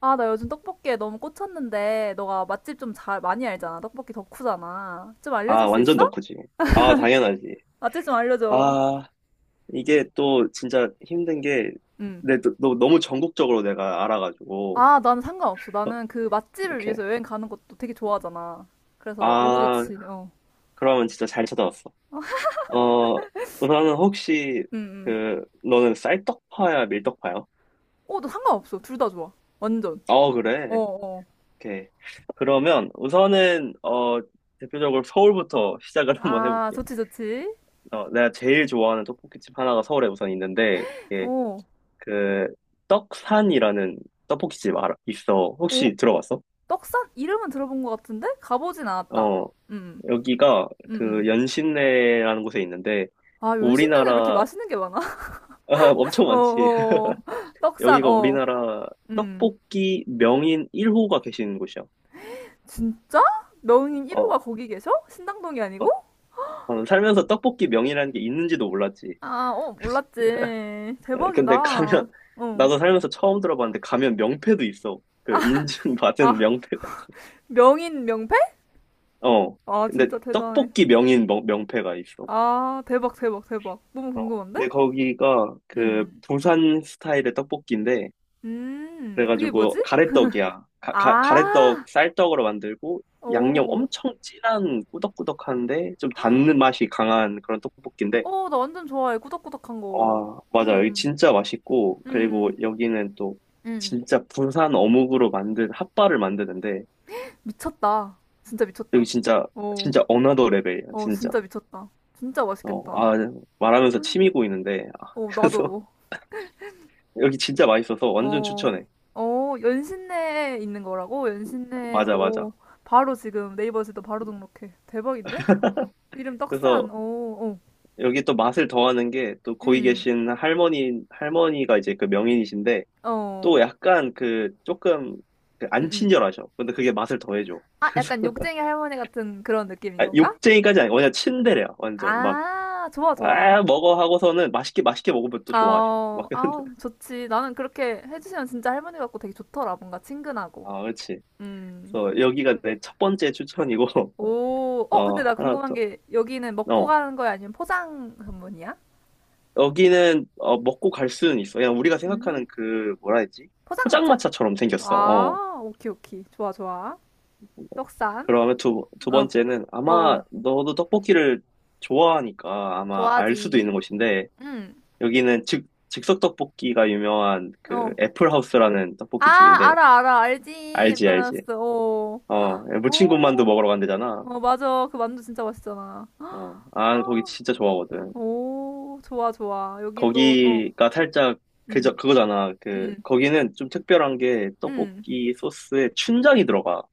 아, 나 요즘 떡볶이에 너무 꽂혔는데, 너가 맛집 좀 잘, 많이 알잖아. 떡볶이 덕후잖아. 좀 아, 알려줄 수 완전 있어? 덕후지. 아, 당연하지. 맛집 좀 알려줘. 아, 이게 또 진짜 힘든 게, 응. 너무 전국적으로 내가 알아가지고. 아, 나는 상관없어. 어, 나는 그 맛집을 오케이. 위해서 여행 가는 것도 되게 좋아하잖아. 그래서 너무 아, 좋지. 어. 그러면 진짜 잘 찾아왔어. 어, 우선은 혹시, 응, 응. 그, 너는 쌀떡파야, 밀떡파야? 어, 너 상관없어. 둘 다 좋아. 완전. 어, 어, 그래. 어. 오케이. 그러면 우선은, 어, 대표적으로 서울부터 시작을 한번 아, 해볼게. 좋지, 좋지. 어, 내가 제일 좋아하는 떡볶이집 하나가 서울에 우선 있는데, 어. 그 떡산이라는 떡볶이집 알아, 있어. 어, 혹시 들어봤어? 떡산? 이름은 들어본 것 같은데? 가보진 않았다. 어, 응, 여기가 응, 응. 응. 그 연신내라는 곳에 있는데 아, 연신내는 왜 이렇게 우리나라 맛있는 게 많아? 아, 엄청 어, 많지. 어. 어. 떡산, 여기가 어. 우리나라 응, 떡볶이 명인 1호가 계시는 곳이야. 진짜? 명인 1호가 어, 거기 계셔? 신당동이 어, 아니고? 어, 살면서 떡볶이 명이라는 게 있는지도 몰랐지. 아, 어, 몰랐지. 에, 대박이다. 근데 가면 어. 나도 살면서 처음 들어봤는데 가면 명패도 있어. 그 인증받은 아, 명패가 있어. 명인 명패? 어, 아, 근데 진짜 대단해. 떡볶이 명인 명패가 있어. 아, 대박, 대박, 대박. 너무 어, 궁금한데? 근데 거기가 그 음. 부산 스타일의 떡볶이인데 그게 그래가지고 뭐지? 가래떡이야. 가래떡 아, 쌀떡으로 만들고 양념 오. 엄청 진한 꾸덕꾸덕한데 좀 닿는 맛이 강한 그런 떡볶이인데 어, 나 완전 좋아해. 꾸덕꾸덕한 거. 와 맞아 여기 음, 진짜 맛있고 그리고 음, 여기는 또 음. 진짜 부산 어묵으로 만든 핫바를 만드는데 미쳤다. 진짜 여기 미쳤다. 진짜 어, 진짜 어나더 레벨이야 어, 진짜 진짜 미쳤다. 진짜 어 맛있겠다. 아 말하면서 침이 고이는데 어, 그래서 나도. 여기 진짜 맛있어서 완전 어, 추천해 어, 연신내에 있는 거라고? 연신내, 맞아 맞아 어, 바로 지금 네이버에서도 바로 등록해. 대박인데? 이름 그래서 떡산, 어, 어, 여기 또 맛을 더하는 게 또 거기 음, 계신 할머니가 이제 그 명인이신데 어, 또 약간 그 조금 음, 그안 음. 친절하셔. 근데 그게 맛을 더해줘. 아, 약간 욕쟁이 할머니 같은 그런 느낌인 아, 건가? 욕쟁이까지 아니고 그냥 친데레야. 완전 막, 아, 좋아, 좋아. 아, 먹어 하고서는 맛있게 맛있게 먹으면 또 좋아하셔. 막, 아우, 아우, 좋지. 나는 그렇게 해주시면 진짜 할머니 같고 되게 좋더라. 뭔가 친근하고. 아, 그렇지. 음. 그래서 여기가 내 첫 번째 추천이고, 오, 어, 어, 근데 나 하나 궁금한 더, 게 여기는 먹고 어. 가는 거야? 아니면 포장 전문이야? 여기는 어, 먹고 갈 수는 있어. 그냥 우리가 생각하는 음. 그 뭐라 해야 되지? 포장마차? 포장마차처럼 생겼어. 어. 아, 오키, 오키. 좋아, 좋아. 떡산. 그러면 두 어, 번째는 어, 아마 어. 너도 떡볶이를 좋아하니까 아마 알 수도 좋아하지. 있는 곳인데 응. 여기는 즉석 떡볶이가 유명한 그 어. 애플하우스라는 아, 떡볶이 집인데 알아, 알아. 알지. 알지 알지 프랑스. 어. 어 무친군만두 어, 먹으러 간대잖아 어, 맞아. 그 만두 진짜 맛있잖아. 어 아 거기 아, 진짜 좋아하거든 오, 좋아, 좋아. 여기도, 어. 거기가 살짝 그저 응, 그거잖아 응, 그 응. 거기는 좀 특별한 게 응. 떡볶이 소스에 춘장이 들어가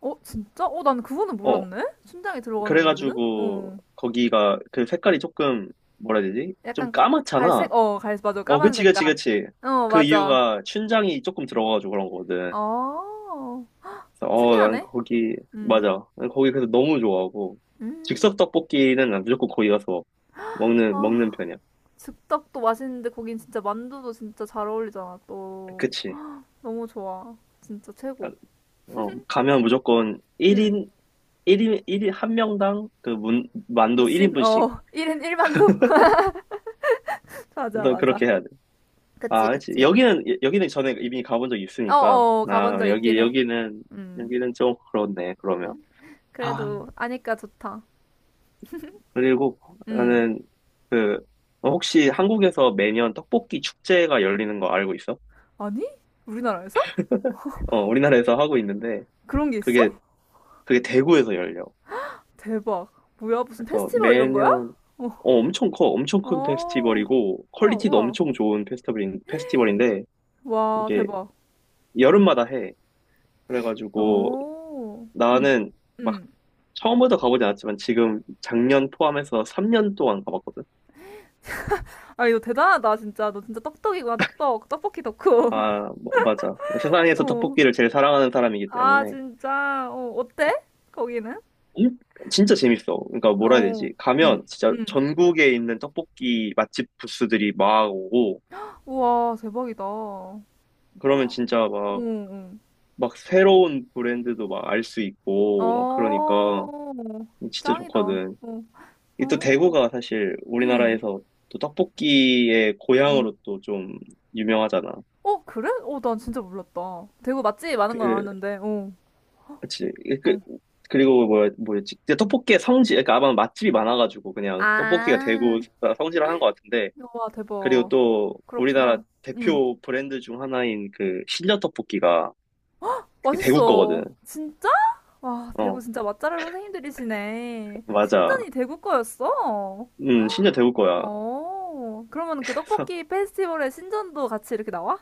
어, 진짜? 어, 난 그거는 어 몰랐네? 춘장이 들어가는 건지는? 그래가지고 어. 거기가 그 색깔이 조금 뭐라 해야 되지 좀 약간 가, 까맣잖아 갈색? 어, 갈색, 맞아. 어, 까만 그치, 그치, 색깔. 그치. 어, 그 맞아. 이유가 춘장이 조금 들어가가지고 그런 거거든. 어, 그래서 어, 난 특이하네. 거기, 음, 맞아. 난 거기 그래서 너무 좋아하고. 음. 즉석 떡볶이는 난 무조건 거기 가서 먹는 아, 편이야. 즉석도 맛있는데 거긴 진짜 만두도 진짜 잘 어울리잖아, 또. 그치. 너무 좋아. 진짜 아, 최고. 어, 가면 무조건 응. 1인, 일인 한 명당 그 만두 무침? 1인분씩. 어. 1인 1만두? 맞아, 우선 맞아. 그렇게 해야 돼. 그치, 아, 그치. 그치. 여기는, 여기는 전에 이미 가본 적이 있으니까. 어어, 가본 아, 적 있긴 해. 음. 여기는 좀 그렇네, 그러면. 아, 그래도 아니까 좋다. 그리고 음. 나는 그 어, 혹시 한국에서 매년 떡볶이 축제가 열리는 거 알고 있어? 아니? 우리나라에서? 어, 우리나라에서 하고 있는데 그런 게 있어? 그게 그게 대구에서 열려. 대박. 뭐야, 무슨 그래서 페스티벌 이런 거야? 매년 어. 어, 엄청 커, 엄청 큰 어. 페스티벌이고 우와, 퀄리티도 우와. 엄청 좋은 페스티벌인데 와, 이게 대박. 응. 여름마다 해. 그래가지고 오. 응. 나는 막 응. 처음부터 가보지 않았지만 지금 작년 포함해서 3년 동안 가봤거든. 아, 이거 대단하다, 진짜. 너 진짜 떡떡이구나, 떡떡 떡볶이 덕후. 아, 뭐, 맞아. 세상에서 어. 떡볶이를 제일 사랑하는 사람이기 아, 때문에. 진짜. 어, 어때? 거기는? 일- 진짜 재밌어. 그러니까 뭐라 해야 어. 되지? 응, 가면 진짜 응. 전국에 있는 떡볶이 맛집 부스들이 막 오고, 우와, 대박이다. 어, 그러면 진짜 막, 응. 막 새로운 브랜드도 막 알 수 있고, 막 어, 그러니까 진짜 짱이다. 좋거든. 어, 이 또 어. 대구가 사실 응, 우리나라에서 또 떡볶이의 응. 고향으로 또 좀 유명하잖아. 어, 그래? 어, 난 진짜 몰랐다. 대구 맛집이 많은 건 그, 알았는데, 어, 그치. 그, 어. 그리고 뭐야, 뭐였지? 근데 떡볶이의 성지, 그러니까 아마 맛집이 많아가지고 그냥 떡볶이가 아. 대구 성지를 하는 것 같은데, 와, 그리고 대박. 또 우리나라 그렇구나. 응. 대표 브랜드 중 하나인 그 신려 떡볶이가 그게 대구 거거든. 맛있어. 진짜? 와, 대구 어, 진짜 맛잘알 선생님들이시네. 맞아. 신전이 대구 거였어? 신려 대구 거야. 어, 그러면 그 그래서 떡볶이 페스티벌에 신전도 같이 이렇게 나와?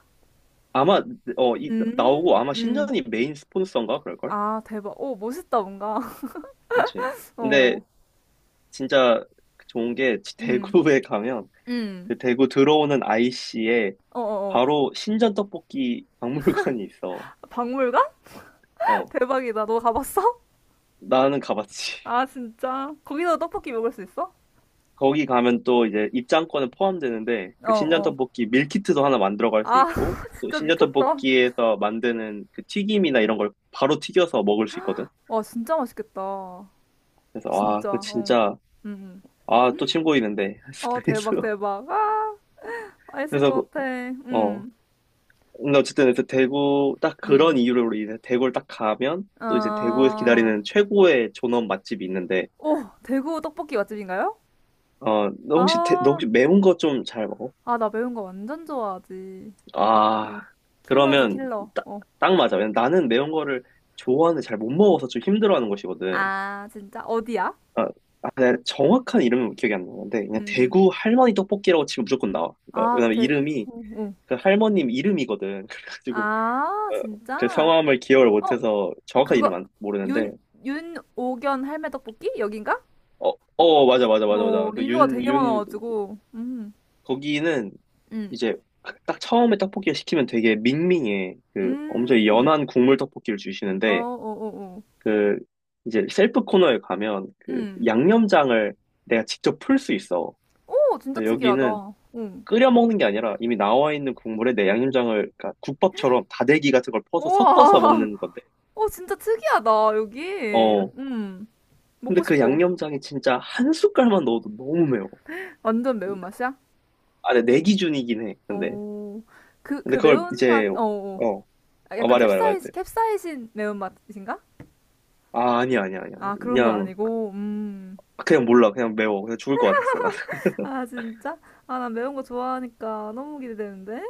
아마 어, 나오고 음, 아마 음, 신전이 메인 스폰서인가 그럴걸? 아, 대박. 오, 멋있다, 뭔가. 그렇지. 근데 어, 진짜 좋은 게 음, 대구에 가면 음. 그 대구 들어오는 IC에 어, 어, 바로 신전 떡볶이 박물관이 있어. 어. 박물관? 어, 대박이다. 너 가봤어? 나는 가봤지. 아, 진짜. 거기서 떡볶이 먹을 수 있어? 거기 가면 또 이제 입장권은 포함되는데 어, 그 신전 어. 떡볶이 밀키트도 하나 만들어 갈 수 아, 있고 또 진짜 신전 미쳤다. 떡볶이에서 만드는 그 튀김이나 이런 걸 바로 튀겨서 먹을 수 있거든. 와, 진짜 맛있겠다. 그래서 아, 그 진짜, 어. 진짜 음, 음. 아, 또 침 고이는데. 어, 대박, 그래서 대박. 아, 맛있을 그래서 그- 것 같아. 어, 근데 어쨌든 그래서 대구 딱 음. 그런 이유로 인해 대구를 딱 가면 또 이제 대구에서 아, 기다리는 최고의 존엄 맛집이 있는데 오, 대구 떡볶이 맛집인가요? 어, 너 혹시 아, 매운 거 좀 잘 먹어? 아, 나 매운 거 완전 좋아하지. 어, 아, 킬러지, 그러면 킬러. 따- 어, 딱 맞아. 왜냐면 나는 매운 거를 좋아하는데 잘 못 먹어서 좀 힘들어하는 것이거든. 아, 진짜? 어디야? 아, 아, 내가 정확한 이름은 기억이 안 나는데 그냥 음, 대구 할머니 떡볶이라고 치면 무조건 나와. 그러니까 아, 왜냐면 대, 이름이 어, 어. 그 할머님 이름이거든. 그래가지고 아, 어, 그 진짜? 성함을 기억을 어, 못해서 정확한 이름 그거, 안 모르는데 윤, 윤오견 할매 떡볶이? 여긴가? 어, 어 맞아 맞아 맞아 어, 맞아. 그 리뷰가 되게 윤 많아가지고, 거기는 음. 이제 딱 처음에 떡볶이를 시키면 되게 밍밍해. 그 엄청 음, 연한 국물 떡볶이를 어, 어, 주시는데 어, 어, 그 이제 셀프 코너에 가면 그 음. 양념장을 내가 직접 풀 수 있어. 오, 진짜 그래서 특이하다. 여기는 응. 끓여 먹는 게 아니라 이미 나와 있는 국물에 내 양념장을 그러니까 국밥처럼 다대기 같은 걸 퍼서 섞어서 우와. 먹는 건데. 오, 진짜 특이하다, 여기. 어. 근데 먹고 그 싶어. 양념장이 진짜 한 숟갈만 넣어도 너무 매워. 완전 근데 매운맛이야? 아, 근데 내 기준이긴 해. 근데 오. 그, 그 그걸 매운맛, 이제 어, 어. 어, 아, 어 약간 말해 말해 말해. 캡사이신, 캡사이신 매운맛인가? 아, 아니야 아니야 아니야. 아, 그런 건 그냥 아니고, 그냥 몰라. 그냥 매워. 그냥 죽을 것 같았어. 나. 아, 진짜? 아, 난 매운 거 좋아하니까 너무 기대되는데?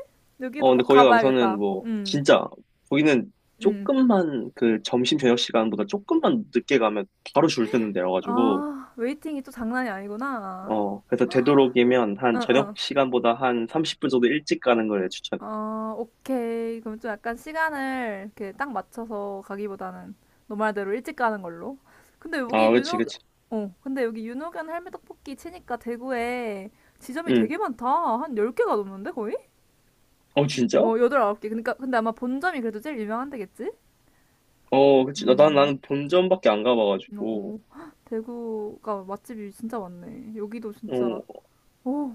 어, 여기도 근데 꼭 거기가 우선은 가봐야겠다. 뭐, 진짜, 거기는 음. 조금만 그 점심 저녁 시간보다 조금만 늦게 가면 바로 줄 서는 데여가지고, 아, 웨이팅이 또 장난이 아니구나. 어, 그래서 되도록이면 한 응, 저녁 응. 시간보다 한 30분 정도 일찍 가는 걸 추천해. 아, 오케이. 그럼 좀 약간 시간을 이렇게 딱 맞춰서 가기보다는 너 말대로 일찍 가는 걸로. 근데 아, 여기 그치, 윤호, 그치. 어, 근데 여기 윤호견 할매떡볶이 치니까 대구에 지점이 응. 되게 많다. 한 10개가 넘는데, 거의? 어, 진짜? 어, 8, 홉개 그러니까, 근데 아마 본점이 그래도 제일 유명한 데겠지? 어, 그치. 음, 나는 본점밖에 안 가봐가지고, 오, 헉, 대구가 맛집이 진짜 많네. 여기도 진짜, 어, 오,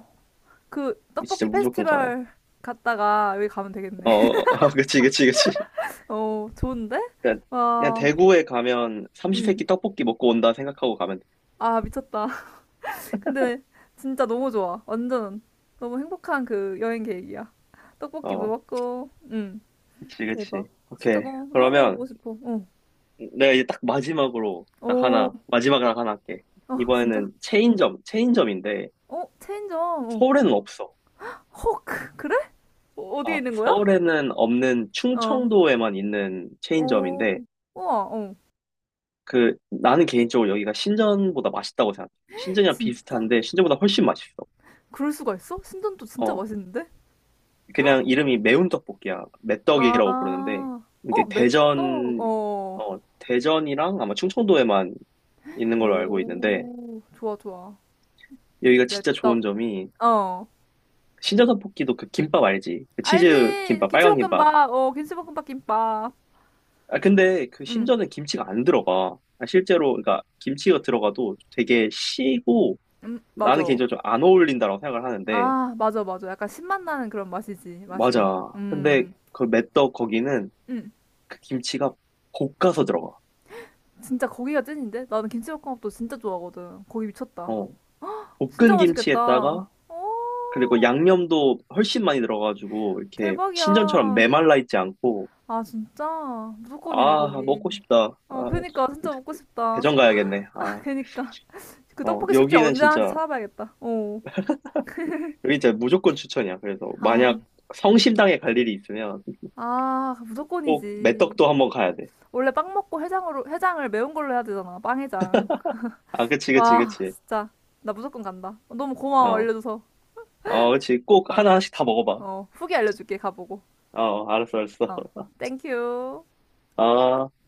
그 진짜 떡볶이 무조건 가야 돼. 페스티벌 갔다가 여기 가면 되겠네. 어, 어, 어, 그치, 그치, 그치. 어, 좋은데? 그냥, 그냥 와. 대구에 가면 음. 삼시세끼 떡볶이 먹고 온다 생각하고 가면 돼. 아, 미쳤다. 근데 진짜 너무 좋아. 완전 너무 행복한 그 여행 계획이야. 떡볶이도 어, 먹고, 응, 그치, 대박. 그치. 진짜 오케이. 너무, 너무 그러면, 먹어보고 싶어. 어. 내가 이제 딱 마지막으로 딱 오, 하나, 마지막으로 하나 할게. 아, 진짜? 이번에는 체인점인데 어, 체인점, 어. 서울에는 없어. 헉, 그래? 어, 어디에 아, 있는 거야? 서울에는 없는 어, 충청도에만 있는 어, 체인점인데 우와, 어. 그 나는 개인적으로 여기가 신전보다 맛있다고 생각해. 신전이랑 진짜? 비슷한데 신전보다 훨씬 맛있어. 그럴 수가 있어? 신전도 진짜 어, 맛있는데? 그냥 이름이 매운 떡볶이야. 매떡이라고 부르는데 아, 이게 어, 메떡 대전, 어. 어, 대전이랑 아마 충청도에만 있는 걸로 알고 있는데 오, 좋아, 좋아. 여기가 메 진짜 좋은 떡 점이 어. 신전 떡볶이도 그 김밥 알지? 그 치즈 알지? 김밥, 빨간 김밥. 김치볶음밥. 어, 김치볶음밥 김밥. 아, 근데 그 응, 신전에 김치가 안 들어가. 아, 실제로, 그러니까 김치가 들어가도 되게 시고 나는 맞아. 개인적으로 좀 안 어울린다고 생각을 하는데, 아, 맞아, 맞아. 약간 신맛 나는 그런 맛이지, 맛이. 맞아. 근데 음, 그 메떡 거기는 음. 그 김치가 볶아서 들어가. 진짜 거기가 찐인데? 나는 김치볶음밥도 진짜 좋아하거든. 거기 미쳤다. 어, 진짜 볶은 맛있겠다. 김치에다가 그리고 오, 양념도 훨씬 많이 들어가가지고 이렇게 신전처럼 대박이야. 메말라 있지 않고 아, 진짜? 무조건이네, 아 거기. 먹고 싶다. 어, 아 그니까. 또 진짜 먹고 싶다. 대전 가야겠네. 아, 그니까. 그 어 떡볶이 축제 여기는 언제 하는지 진짜 찾아봐야겠다. 어. 그게 진짜 무조건 추천이야. 그래서 아, 만약 성심당에 갈 일이 있으면 아, 꼭 무조건이지. 메떡도 한번 가야 돼. 원래 빵 먹고 해장으로 해장을 매운 걸로 해야 되잖아. 빵해장. 아, 그치, 그치, 와, 그치. 진짜 나 무조건 간다. 너무 고마워 어, 알려줘서. 어, 그치. 꼭 아, 하나씩 다 먹어봐. 어, 후기 알려줄게 가보고. 어, 알았어, 알았어. 어, 땡큐. 아.